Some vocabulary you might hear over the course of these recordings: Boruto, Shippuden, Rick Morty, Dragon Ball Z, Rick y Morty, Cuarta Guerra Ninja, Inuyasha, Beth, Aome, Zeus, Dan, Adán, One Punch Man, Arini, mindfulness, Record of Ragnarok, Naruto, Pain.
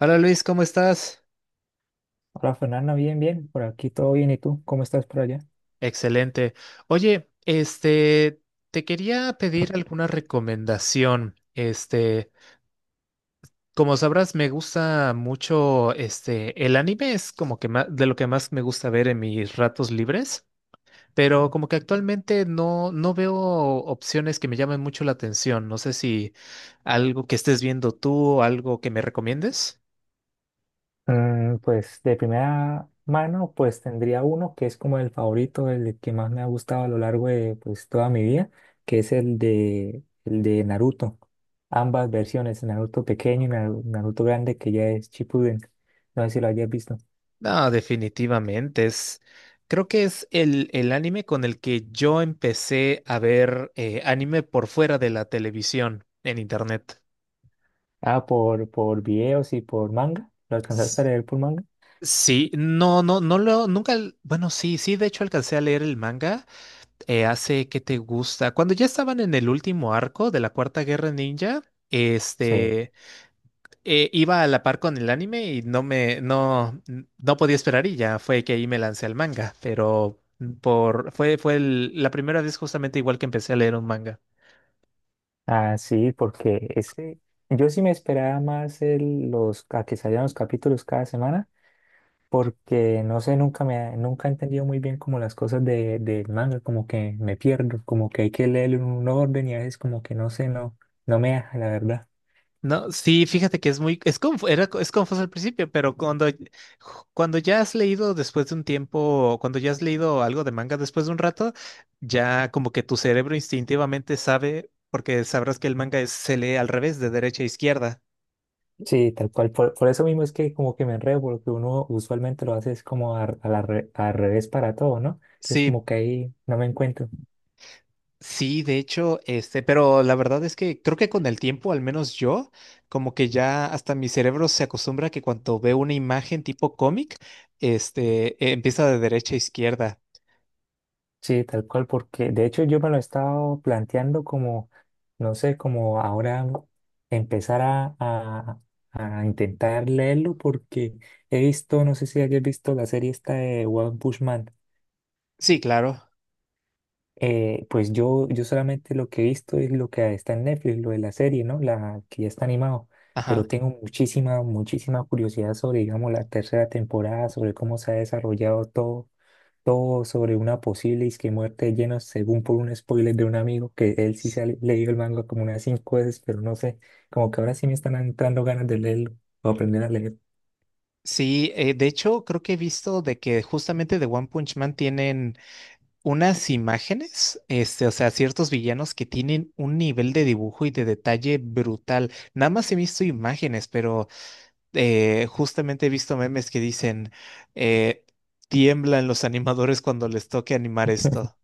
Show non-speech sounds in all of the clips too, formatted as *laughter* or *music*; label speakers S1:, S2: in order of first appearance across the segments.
S1: Hola Luis, ¿cómo estás?
S2: Hola Fernanda, bien, bien, por aquí todo bien. ¿Y tú? ¿Cómo estás por allá?
S1: Excelente. Oye, te quería pedir alguna recomendación. Como sabrás, me gusta mucho, el anime es como que de lo que más me gusta ver en mis ratos libres, pero como que actualmente no veo opciones que me llamen mucho la atención. No sé si algo que estés viendo tú o algo que me recomiendes.
S2: Mm, pues de primera mano, pues tendría uno que es como el favorito, el que más me ha gustado a lo largo de pues toda mi vida, que es el de Naruto. Ambas versiones, Naruto pequeño y Naruto grande, que ya es Shippuden. No sé si lo hayas visto.
S1: No, definitivamente es. Creo que es el anime con el que yo empecé a ver anime por fuera de la televisión en internet.
S2: Ah, por videos y por manga. ¿Lo alcanzaste a
S1: S-
S2: leer por manga?
S1: Sí, no, no, no lo, nunca, al- bueno, sí, sí, de hecho alcancé a leer el manga hace qué te gusta. Cuando ya estaban en el último arco de la Cuarta Guerra Ninja,
S2: Sí.
S1: este. Iba a la par con el anime y no me, no, no podía esperar y ya fue que ahí me lancé al manga, pero fue la primera vez justamente igual que empecé a leer un manga.
S2: Ah, sí, porque ese, yo sí me esperaba más a que salieran los capítulos cada semana, porque no sé, nunca me, ha- nunca he entendido muy bien como las cosas de, del manga, como que me pierdo, como que hay que leer en un orden y a veces como que no sé, no me deja, la verdad.
S1: No, sí, fíjate que es muy, es confuso al principio, pero cuando ya has leído después de un tiempo, cuando ya has leído algo de manga después de un rato, ya como que tu cerebro instintivamente sabe, porque sabrás que el manga se lee al revés, de derecha a izquierda.
S2: Sí, tal cual, por eso mismo es que como que me enredo, porque uno usualmente lo hace es como al revés para todo, ¿no? Entonces
S1: Sí.
S2: como que ahí no me encuentro.
S1: Sí, de hecho, pero la verdad es que creo que con el tiempo, al menos yo, como que ya hasta mi cerebro se acostumbra que cuando veo una imagen tipo cómic, empieza de derecha a izquierda.
S2: Sí, tal cual, porque de hecho yo me lo he estado planteando como, no sé, como ahora empezar a intentar leerlo porque he visto, no sé si hayas visto la serie esta de One Punch Man.
S1: Sí, claro.
S2: Pues yo solamente lo que he visto es lo que está en Netflix, lo de la serie, ¿no? La que ya está animado,
S1: Ajá.
S2: pero tengo muchísima curiosidad sobre, digamos, la tercera temporada, sobre cómo se ha desarrollado todo sobre una posible disque muerte llena según por un spoiler de un amigo, que él sí se ha leído el manga como unas cinco veces, pero no sé, como que ahora sí me están entrando ganas de leerlo o aprender a leer.
S1: Sí, de hecho, creo que he visto de que justamente de One Punch Man tienen unas imágenes, o sea, ciertos villanos que tienen un nivel de dibujo y de detalle brutal. Nada más he visto imágenes, pero justamente he visto memes que dicen, eh, tiemblan los animadores cuando les toque animar esto.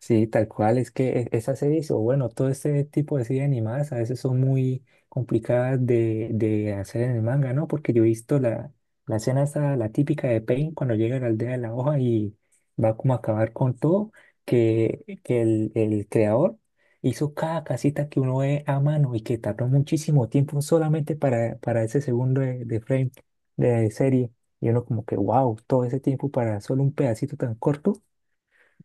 S2: Sí, tal cual, es que esas series, o bueno, todo este tipo de series animadas a veces son muy complicadas de hacer en el manga, ¿no? Porque yo he visto la escena esa, la típica de Pain cuando llega a la aldea de la hoja y va como a acabar con todo, que el creador hizo cada casita que uno ve a mano y que tardó muchísimo tiempo solamente para ese segundo de frame de serie. Y uno como que, wow, todo ese tiempo para solo un pedacito tan corto,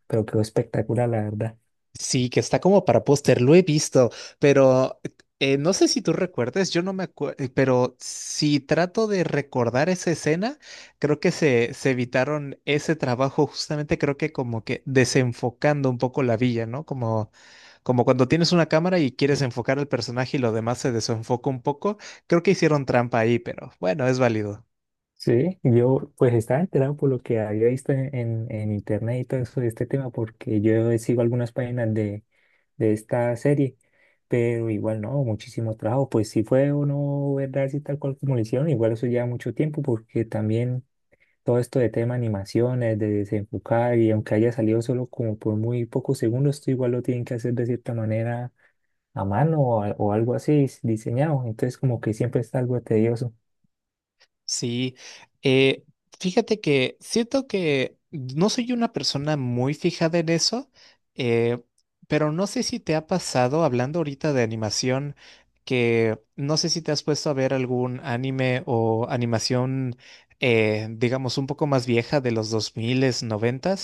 S2: pero quedó espectacular, la verdad.
S1: Sí, que está como para póster, lo he visto, pero no sé si tú recuerdes, yo no me acuerdo, pero si trato de recordar esa escena, creo que se evitaron ese trabajo justamente, creo que como que desenfocando un poco la villa, ¿no? Como, como cuando tienes una cámara y quieres enfocar al personaje y lo demás se desenfoca un poco, creo que hicieron trampa ahí, pero bueno, es válido.
S2: Sí, yo pues estaba enterado por lo que había visto en internet y todo eso de este tema, porque yo sigo algunas páginas de esta serie, pero igual no, muchísimo trabajo. Pues si fue o no verdad, si tal cual como lo hicieron, igual eso lleva mucho tiempo, porque también todo esto de tema animaciones, de desenfocar, y aunque haya salido solo como por muy pocos segundos, esto igual lo tienen que hacer de cierta manera a mano o algo así diseñado. Entonces como que siempre está algo tedioso.
S1: Sí, eh, fíjate que siento que no soy una persona muy fijada en eso, eh, pero no sé si te ha pasado, hablando ahorita de animación, que no sé si te has puesto a ver algún anime o animación, digamos, un poco más vieja de los 2000, 90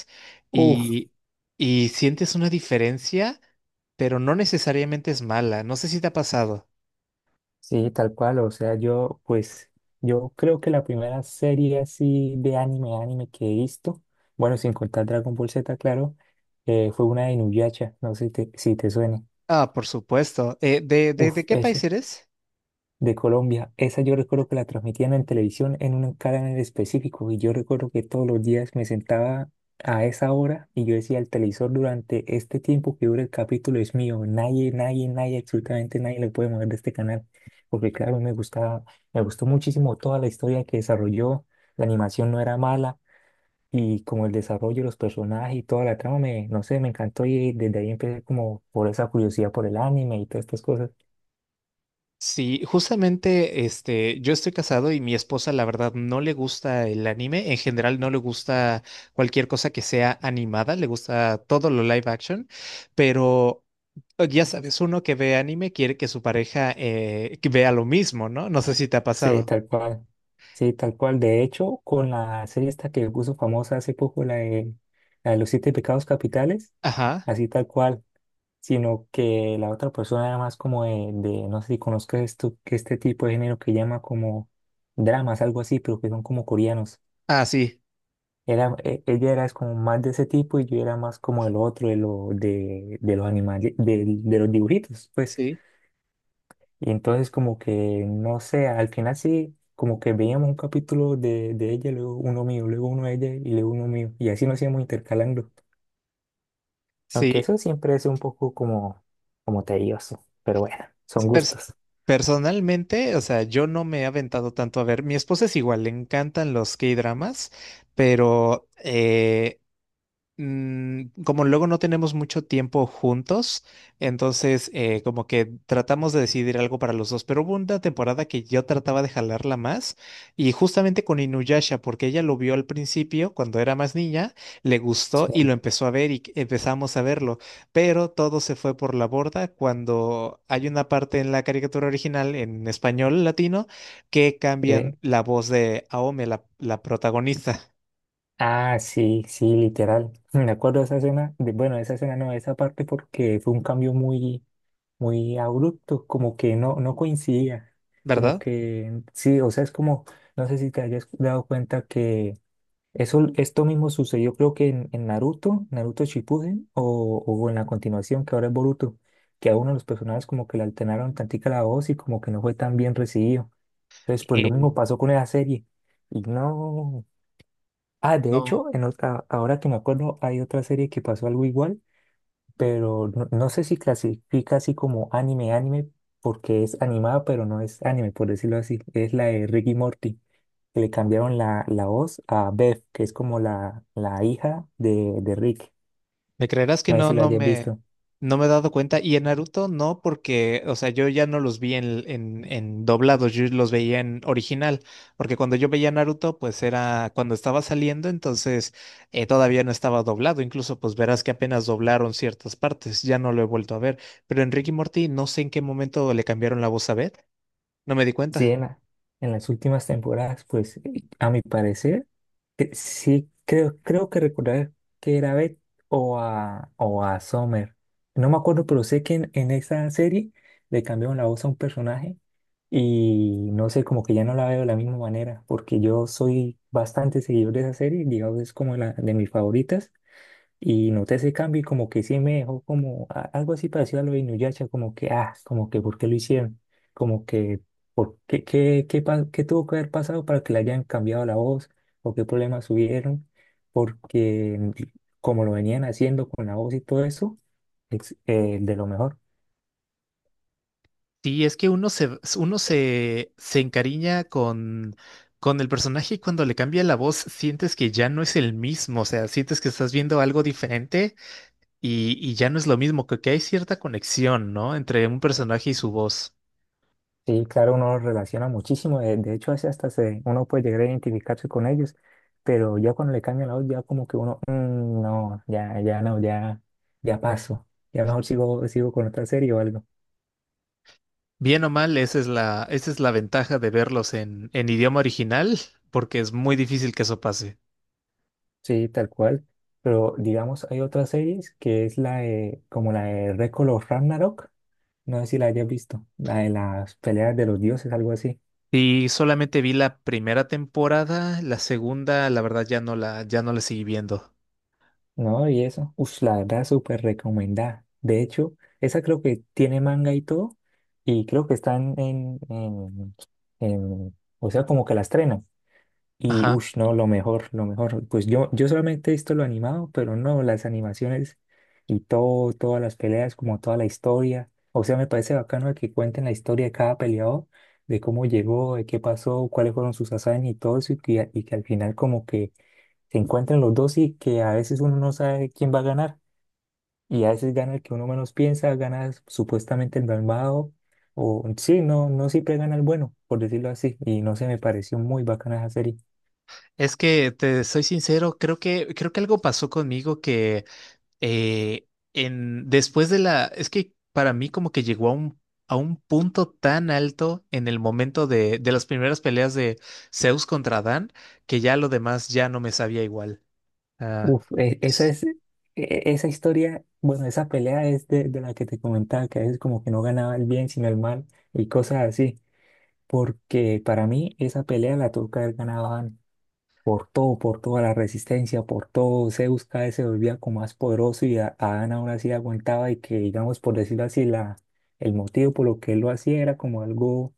S2: Uf,
S1: y, y sientes una diferencia, pero no necesariamente es mala. No sé si te ha pasado.
S2: sí, tal cual, o sea, yo creo que la primera serie así de anime que he visto, bueno, sin contar Dragon Ball Z, claro, fue una de Inuyasha, no sé si te suene.
S1: Ah, por supuesto. ¿De
S2: Uf,
S1: de qué
S2: es
S1: país eres?
S2: de Colombia. Esa yo recuerdo que la transmitían en televisión en un canal específico y yo recuerdo que todos los días me sentaba a esa hora y yo decía el televisor durante este tiempo que dura el capítulo es mío. Nadie, nadie, nadie, absolutamente nadie le puede mover de este canal. Porque claro, me gustaba, me gustó muchísimo toda la historia que desarrolló. La animación no era mala y como el desarrollo los personajes y toda la trama no sé, me encantó y desde ahí empecé como por esa curiosidad por el anime y todas estas cosas.
S1: Sí, justamente, yo estoy casado y mi esposa, la verdad, no le gusta el anime. En general, no le gusta cualquier cosa que sea animada. Le gusta todo lo live action, pero oh, ya sabes, uno que ve anime quiere que su pareja que vea lo mismo, ¿no? No sé si te ha
S2: Sí,
S1: pasado.
S2: tal cual. Sí, tal cual. De hecho, con la serie esta que puso famosa hace poco, la de los siete pecados capitales,
S1: Ajá.
S2: así tal cual, sino que la otra persona era más como no sé si conozcas esto, que este tipo de género que llama como dramas, algo así, pero que son como coreanos.
S1: Ah, sí.
S2: Era, ella era es como más de ese tipo y yo era más como el otro, de los animales, de los dibujitos, pues.
S1: Sí.
S2: Y entonces como que, no sé, al final sí, como que veíamos un capítulo de ella, luego uno mío, luego uno de ella y luego uno mío. Y así nos íbamos intercalando. Aunque
S1: Sí.
S2: eso siempre es un poco como, como tedioso, pero bueno, son
S1: Pers-
S2: gustos.
S1: Personalmente, o sea, yo no me he aventado tanto a ver. Mi esposa es igual, le encantan los K-dramas, pero como luego no tenemos mucho tiempo juntos, entonces como que tratamos de decidir algo para los dos, pero hubo una temporada que yo trataba de jalarla más y justamente con Inuyasha, porque ella lo vio al principio cuando era más niña, le gustó
S2: Sí,
S1: y lo empezó a ver y empezamos a verlo, pero todo se fue por la borda cuando hay una parte en la caricatura original en español latino que cambian
S2: sí.
S1: la voz de Aome, la protagonista,
S2: Ah, sí, sí, literal. *laughs* Me acuerdo de esa escena, de, bueno, de esa escena no, de esa parte porque fue un cambio muy abrupto, como que no, no coincidía. Como
S1: ¿verdad?
S2: que, sí, o sea, es como, no sé si te hayas dado cuenta. Eso, esto mismo sucedió creo que en Naruto, Naruto Shippuden, o en la continuación que ahora es Boruto, que a uno de los personajes como que le alternaron tantica la voz y como que no fue tan bien recibido. Entonces, pues lo mismo pasó con esa serie. Y no... Ah, de hecho, en otra, ahora que me acuerdo, hay otra serie que pasó algo igual, pero no, no sé si clasifica así como anime, anime, porque es animada, pero no es anime, por decirlo así. Es la de Ricky Morty, que le cambiaron la voz a Beth, que es como la hija de Rick.
S1: Me creerás que
S2: No sé
S1: no,
S2: si lo
S1: no
S2: hayas
S1: me,
S2: visto.
S1: no me he dado cuenta. Y en Naruto no, porque, o sea, yo ya no los vi en doblados, yo los veía en original, porque cuando yo veía Naruto, pues era cuando estaba saliendo, entonces todavía no estaba doblado. Incluso, pues verás que apenas doblaron ciertas partes, ya no lo he vuelto a ver. Pero en Rick y Morty, no sé en qué momento le cambiaron la voz a Beth, no me di
S2: Sí,
S1: cuenta.
S2: en las últimas temporadas, pues a mi parecer, creo que recordar que era Beth o a Summer. No me acuerdo, pero sé que en esa serie le cambiaron la voz a un personaje. Y no sé, como que ya no la veo de la misma manera, porque yo soy bastante seguidor de esa serie, digamos, es como la de mis favoritas, y noté ese cambio y como que sí me dejó como algo así parecido a lo de Inuyasha, como que, ah, como que, ¿por qué lo hicieron? Como que, ¿por qué, qué tuvo que haber pasado para que le hayan cambiado la voz? ¿O qué problemas hubieron? Porque como lo venían haciendo con la voz y todo eso, es, de lo mejor.
S1: Sí, es que uno se, se encariña con el personaje y cuando le cambia la voz sientes que ya no es el mismo, o sea, sientes que estás viendo algo diferente y ya no es lo mismo, que hay cierta conexión, ¿no? Entre un personaje y su voz.
S2: Sí, claro, uno los relaciona muchísimo. De hecho, así hasta se, uno puede llegar a identificarse con ellos, pero ya cuando le cambian la voz, ya como que uno, "Mm, no, ya, ya no, ya, ya paso. Ya mejor sigo, sigo con otra serie o algo.
S1: Bien o mal, esa es la ventaja de verlos en idioma original, porque es muy difícil que eso pase.
S2: Sí, tal cual. Pero digamos, hay otras series que es la de, como la de Record of Ragnarok. No sé si la hayas visto. La de las peleas de los dioses, algo así.
S1: Y solamente vi la primera temporada, la segunda, la verdad, ya no la seguí viendo.
S2: No, y eso. Ush, la verdad, súper recomendada. De hecho, esa creo que tiene manga y todo. Y creo que están o sea, como que la estrenan. Y
S1: Ajá.
S2: ush, no, lo mejor, lo mejor. Pues yo solamente he visto lo animado, pero no, las animaciones y todo, todas las peleas, como toda la historia. O sea, me parece bacano que cuenten la historia de cada peleador, de cómo llegó, de qué pasó, cuáles fueron sus hazañas y todo eso, y que al final como que se encuentran los dos y que a veces uno no sabe quién va a ganar y a veces gana el que uno menos piensa, gana supuestamente el malvado no, no siempre gana el bueno, por decirlo así, y no se me pareció muy bacana esa serie.
S1: Es que te soy sincero, creo que algo pasó conmigo que eh, en después de la es que para mí como que llegó a un punto tan alto en el momento de las primeras peleas de Zeus contra Dan que ya lo demás ya no me sabía igual. Ah,
S2: Uf, esa historia, bueno, esa pelea es de la que te comentaba, que a veces como que no ganaba el bien sino el mal y cosas así, porque para mí esa pelea la tuvo que haber ganado antes por todo, por toda la resistencia, por todo. Zeus cada vez se volvía como más poderoso y Adán aún así aguantaba y que, digamos, por decirlo así, el motivo por lo que él lo hacía era como algo,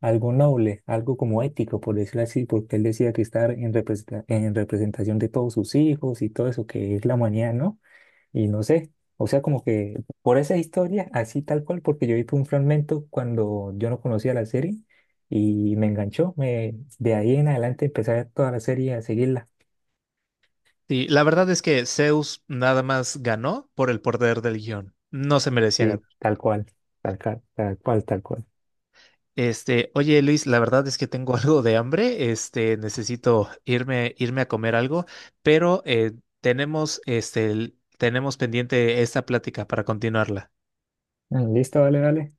S2: algo noble, algo como ético, por decirlo así, porque él decía que estar en en representación de todos sus hijos y todo eso que es la humanidad, ¿no? Y no sé, o sea, como que por esa historia, así tal cual, porque yo vi un fragmento cuando yo no conocía la serie y me enganchó, de ahí en adelante empecé a ver toda la serie, a seguirla,
S1: sí, la verdad es que Zeus nada más ganó por el poder del guión. No se merecía
S2: y
S1: ganar.
S2: tal cual, tal cual, tal cual, tal cual.
S1: Oye Luis, la verdad es que tengo *laughs* algo de hambre, necesito irme a comer algo, pero tenemos, tenemos pendiente esta plática para continuarla.
S2: Mm, listo, vale, vale,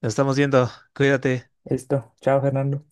S1: Nos estamos viendo, cuídate.
S2: listo, chao Fernando.